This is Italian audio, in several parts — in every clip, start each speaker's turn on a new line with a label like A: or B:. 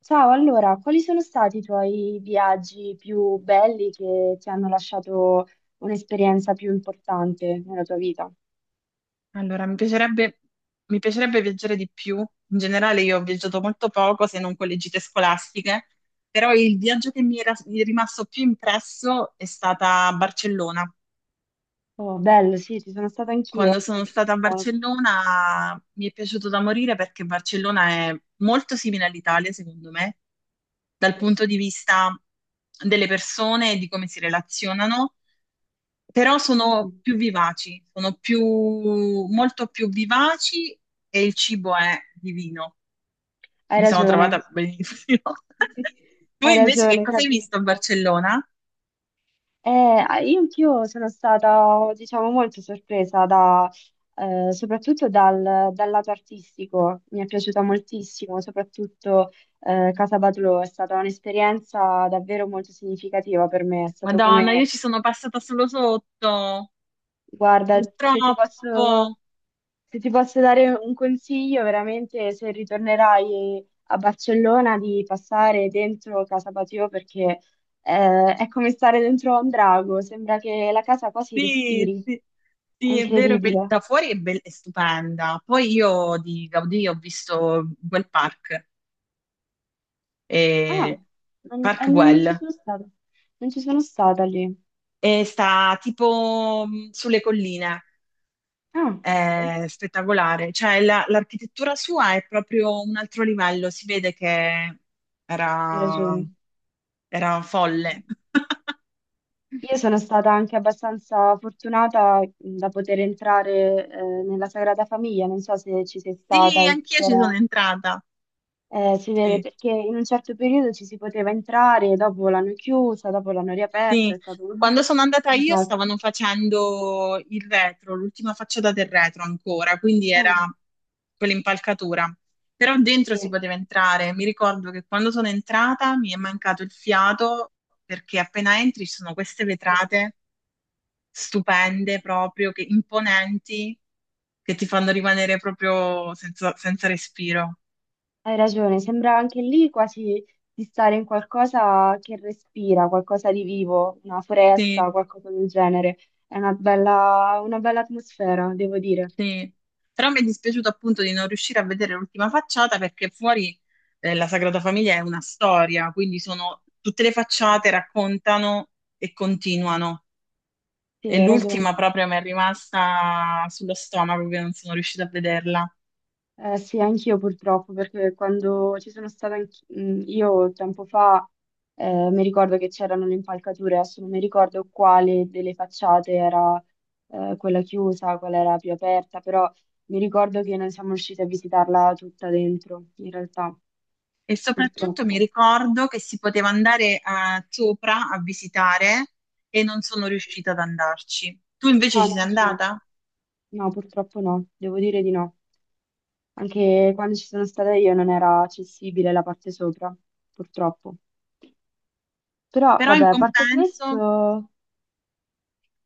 A: Ciao, allora, quali sono stati i tuoi viaggi più belli che ti hanno lasciato un'esperienza più importante nella tua vita?
B: Allora, mi piacerebbe viaggiare di più. In generale, io ho viaggiato molto poco, se non con le gite scolastiche, però il viaggio che mi è rimasto più impresso è stata a Barcellona.
A: Oh, bello, sì, ci sono stata
B: Quando
A: anch'io, mi è
B: sono stata a
A: piaciuto molto.
B: Barcellona mi è piaciuto da morire perché Barcellona è molto simile all'Italia, secondo me, dal
A: Sì.
B: punto di vista delle persone e di come si relazionano. Però sono
A: Mhm.
B: più vivaci, molto più vivaci e il cibo è divino.
A: Hai
B: Mi sono
A: ragione,
B: trovata benissimo. Tu
A: hai
B: invece che
A: ragione,
B: cosa hai visto a
A: capisco.
B: Barcellona?
A: Ah, io anch'io sono stata, diciamo, molto sorpresa da, soprattutto dal lato artistico, mi è piaciuta moltissimo. Soprattutto Casa Batlló è stata un'esperienza davvero molto significativa per me, è stato
B: Madonna, io
A: come.
B: ci sono passata solo sotto,
A: Guarda, se ti posso,
B: purtroppo.
A: se ti posso dare un consiglio, veramente se ritornerai a Barcellona di passare dentro Casa Batlló perché è come stare dentro a un drago, sembra che la casa quasi
B: Sì,
A: respiri,
B: sì,
A: è
B: sì, è vero,
A: incredibile.
B: da fuori è, è stupenda. Poi io di Gaudì ho visto quel park,
A: Ah,
B: eh,
A: non, eh,
B: Park
A: non ci
B: Güell,
A: sono stata, non ci sono stata lì.
B: e sta tipo sulle colline.
A: Ah, ok,
B: È spettacolare. Cioè, l'architettura sua è proprio un altro livello, si vede che
A: hai
B: era,
A: ragione.
B: era folle.
A: Io sono stata anche abbastanza fortunata da poter entrare nella Sagrada Famiglia, non so se ci sei stata,
B: Sì,
A: se
B: anch'io ci
A: era-
B: sono entrata.
A: si vede
B: Sì,
A: perché in un certo periodo ci si poteva entrare, dopo l'hanno chiusa, dopo l'hanno riaperta,
B: sì.
A: è stato un
B: Quando sono andata io
A: disastro.
B: stavano facendo il retro, l'ultima facciata del retro ancora, quindi era
A: Ah,
B: quell'impalcatura. Però dentro
A: sì,
B: si poteva entrare. Mi ricordo che quando sono entrata mi è mancato il fiato perché appena entri ci sono queste
A: sì,
B: vetrate
A: sì.
B: stupende proprio, che, imponenti, che ti fanno rimanere proprio senza, senza respiro.
A: Hai ragione, sembra anche lì quasi di stare in qualcosa che respira, qualcosa di vivo, una
B: Sì,
A: foresta, qualcosa del genere. È una bella atmosfera, devo dire.
B: sì. Però mi è dispiaciuto appunto di non riuscire a vedere l'ultima facciata perché fuori la Sagrada Famiglia è una storia, quindi sono tutte le
A: Sì,
B: facciate raccontano e continuano.
A: sì,
B: E
A: hai ragione.
B: l'ultima proprio mi è rimasta sullo stomaco che non sono riuscita a vederla.
A: Sì, anch'io purtroppo, perché quando ci sono stata io tempo fa, mi ricordo che c'erano le impalcature, adesso non mi ricordo quale delle facciate era, quella chiusa, quella era più aperta, però mi ricordo che non siamo riusciti a visitarla tutta dentro, in realtà,
B: E soprattutto mi
A: purtroppo.
B: ricordo che si poteva andare a sopra a visitare e non sono riuscita ad andarci. Tu invece
A: No,
B: ci sei
A: neanch'io.
B: andata?
A: No, purtroppo no, devo dire di no. Anche quando ci sono stata io non era accessibile la parte sopra, purtroppo. Però,
B: Però
A: vabbè, a parte questo,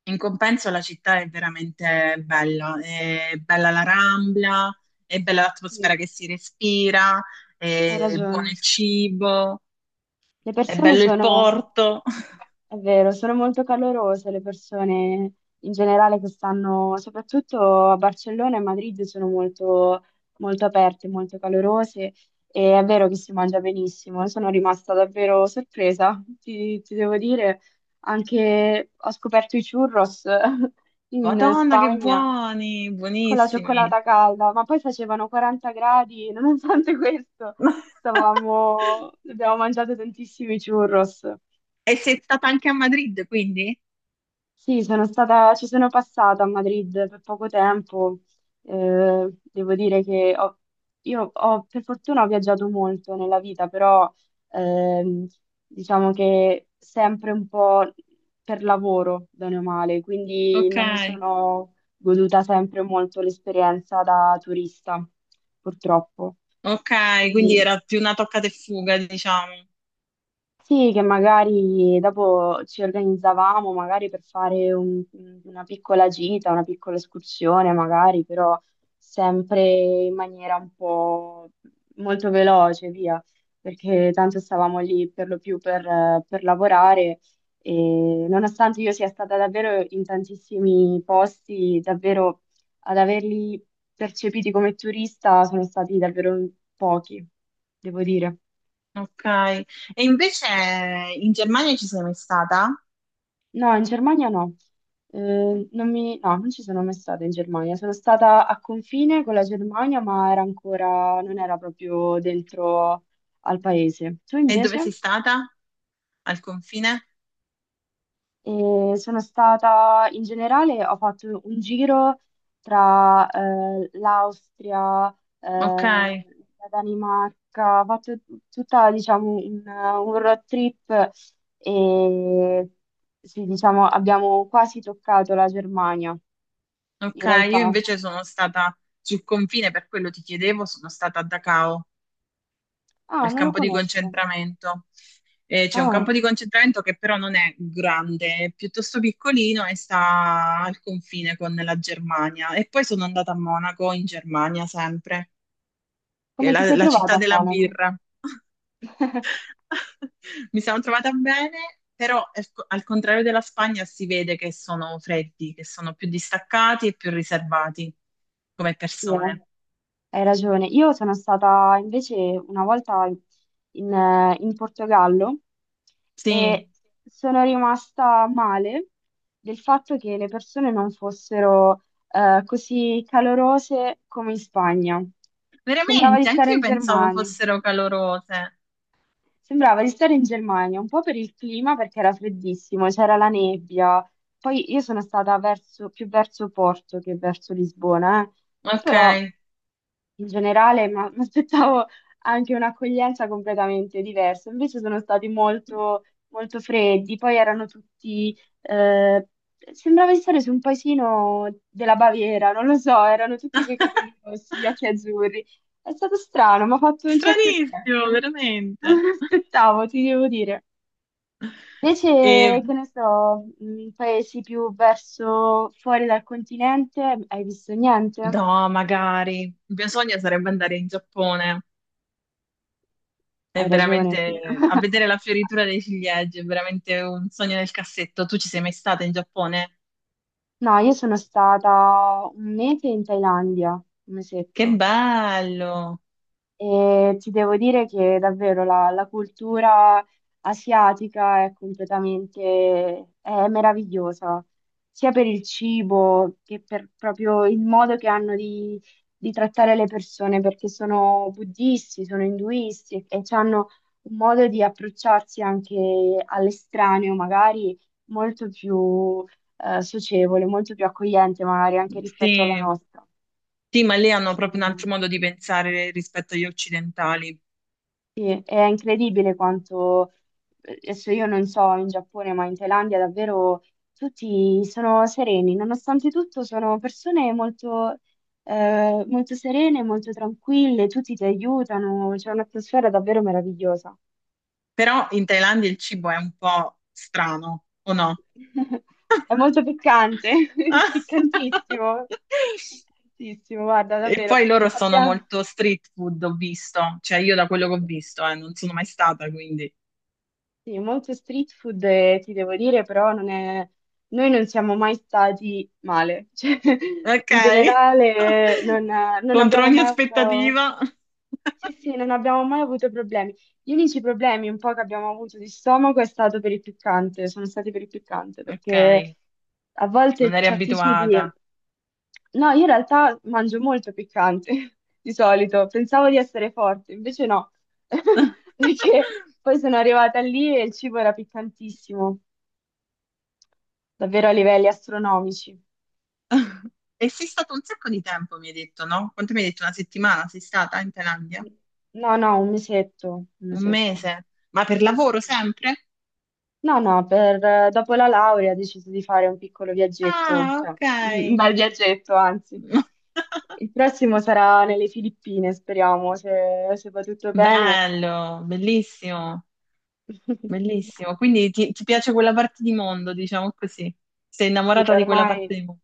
B: in compenso la città è veramente bella. È bella la Rambla, è bella l'atmosfera
A: sì,
B: che si respira,
A: hai
B: è
A: ragione.
B: buono il cibo,
A: Le
B: è
A: persone
B: bello il
A: sono,
B: porto.
A: è vero, sono molto calorose le persone in generale che stanno, soprattutto a Barcellona e Madrid, sono molto, molto aperte, molto calorose e è vero che si mangia benissimo. Sono rimasta davvero sorpresa, ti devo dire. Anche ho scoperto i churros in
B: Madonna, che
A: Spagna.
B: buoni,
A: Con la
B: buonissimi.
A: cioccolata calda, ma poi facevano 40 gradi, e nonostante questo, abbiamo mangiato tantissimi churros.
B: E sei stata anche a Madrid, quindi?
A: Sì, sono stata, ci sono passata a Madrid per poco tempo. Devo dire che per fortuna ho viaggiato molto nella vita, però ehm, diciamo che sempre un po' per lavoro, bene o male, quindi
B: Ok.
A: non mi sono goduta sempre molto l'esperienza da turista, purtroppo.
B: Ok, quindi era più una toccata e fuga, diciamo.
A: Sì, che magari dopo ci organizzavamo magari per fare una piccola gita, una piccola escursione, magari, però sempre in maniera un po' molto veloce, via, perché tanto stavamo lì per lo più per lavorare e nonostante io sia stata davvero in tantissimi posti, davvero ad averli percepiti come turista sono stati davvero pochi, devo dire.
B: Ok. E invece in Germania ci sei mai stata?
A: No, in Germania no. Non mi- No, non ci sono mai stata in Germania. Sono stata a confine con la Germania, ma era ancora, non era proprio dentro al paese. Tu
B: E dove sei
A: invece?
B: stata? Al confine?
A: Sono stata in generale, ho fatto un giro tra l'Austria,
B: Ok,
A: la Danimarca, ho fatto tutta, diciamo, un road trip e sì, diciamo, abbiamo quasi toccato la Germania.
B: ok.
A: In
B: Io
A: realtà.
B: invece sono stata sul confine, per quello ti chiedevo, sono stata a Dachau,
A: Ah,
B: al
A: non lo
B: campo di
A: conosco.
B: concentramento. E c'è un
A: Ah,
B: campo di concentramento che però non è grande, è piuttosto piccolino e sta al confine con la Germania. E poi sono andata a Monaco, in Germania, sempre, che è
A: come ti
B: la
A: sei
B: la
A: trovata
B: città
A: a
B: della
A: Monaco?
B: birra. Mi sono trovata bene, però al contrario della Spagna si vede che sono freddi, che sono più distaccati e più riservati come
A: Sì,
B: persone.
A: hai ragione. Io sono stata invece una volta in Portogallo
B: Sì,
A: e sono rimasta male del fatto che le persone non fossero così calorose come in Spagna. Sembrava di
B: veramente,
A: stare
B: anche io
A: in
B: pensavo
A: Germania.
B: fossero calorose.
A: Sembrava di stare in Germania, un po' per il clima perché era freddissimo, c'era la nebbia. Poi io sono stata più verso Porto che verso Lisbona, eh.
B: Ok.
A: Però in generale mi aspettavo anche un'accoglienza completamente diversa. Invece sono stati molto, molto freddi, poi erano tutti... eh, Sembrava di stare su un paesino della Baviera, non lo so, erano tutti coi capelli rossi, gli occhi azzurri. È stato strano, mi ha fatto un certo effetto,
B: Stranissimo,
A: non
B: veramente.
A: me l'aspettavo, ti devo dire.
B: E
A: Invece, che ne so, paesi più verso fuori dal continente, hai visto niente?
B: no, magari. Il mio sogno sarebbe andare in Giappone. È
A: Hai ragione, sì.
B: veramente a vedere la fioritura dei ciliegi, è veramente un sogno nel cassetto. Tu ci sei mai stata in Giappone?
A: No, io sono stata un mese in Thailandia, un
B: Che
A: mesetto.
B: bello!
A: E ti devo dire che davvero la cultura asiatica è completamente, è meravigliosa, sia per il cibo che per proprio il modo che hanno di trattare le persone, perché sono buddisti, sono induisti e hanno un modo di approcciarsi anche all'estraneo, magari molto più socievole, molto più accogliente, magari anche rispetto alla
B: Sì.
A: nostra.
B: Sì, ma lì hanno
A: Sì.
B: proprio un altro modo di pensare rispetto agli occidentali.
A: Sì, è incredibile quanto, adesso io non so in Giappone, ma in Thailandia davvero tutti sono sereni, nonostante tutto sono persone molto serene, molto tranquille, tutti ti aiutano, c'è un'atmosfera davvero meravigliosa.
B: Però in Thailandia il cibo è un po' strano, o no?
A: È molto piccante, piccantissimo, piccantissimo, guarda,
B: E
A: davvero.
B: poi loro sono
A: Abbiamo
B: molto street food, ho visto. Cioè, io da quello che ho visto, non sono mai stata, quindi.
A: Sì, molto street food, ti devo dire, però non è. Noi non siamo mai stati male. Cioè,
B: Ok.
A: in generale, non
B: Contro
A: abbiamo
B: ogni
A: mai avuto,
B: aspettativa.
A: sì, sì, non abbiamo mai avuto problemi. Gli unici problemi un po' che abbiamo avuto di stomaco è stato per il piccante, sono stati per il piccante,
B: Ok,
A: perché a
B: non
A: volte
B: eri
A: certi cibi.
B: abituata.
A: No, io in realtà mangio molto piccante, di solito, pensavo di essere forte, invece no, perché poi sono arrivata lì e il cibo era piccantissimo, davvero a livelli astronomici.
B: E sei stato un sacco di tempo, mi hai detto, no? Quanto mi hai detto? Una settimana sei stata in Thailandia?
A: No, no, un mesetto, un
B: Un
A: mesetto.
B: mese? Ma per lavoro sempre?
A: No, no, dopo la laurea ho deciso di fare un piccolo viaggetto,
B: Ah,
A: cioè
B: ok.
A: un bel viaggetto, anzi. Il prossimo sarà nelle Filippine, speriamo, se va tutto bene.
B: Bello, bellissimo, bellissimo. Quindi ti piace quella parte di mondo, diciamo così. Sei
A: Sì,
B: innamorata di quella
A: ormai,
B: parte di mondo.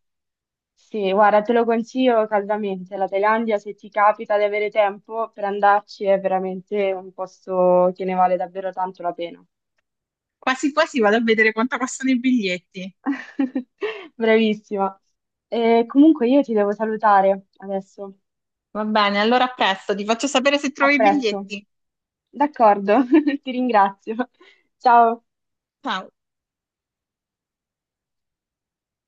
A: sì, guarda, te lo consiglio caldamente. La Thailandia, se ti capita di avere tempo per andarci, è veramente un posto che ne vale davvero tanto la pena.
B: Quasi quasi vado a vedere quanto costano i biglietti.
A: Bravissima. E comunque io ti devo salutare adesso.
B: Va bene, allora a presto, ti faccio sapere se
A: A
B: trovi i
A: presto.
B: biglietti.
A: D'accordo, ti ringrazio. Ciao.
B: Ciao.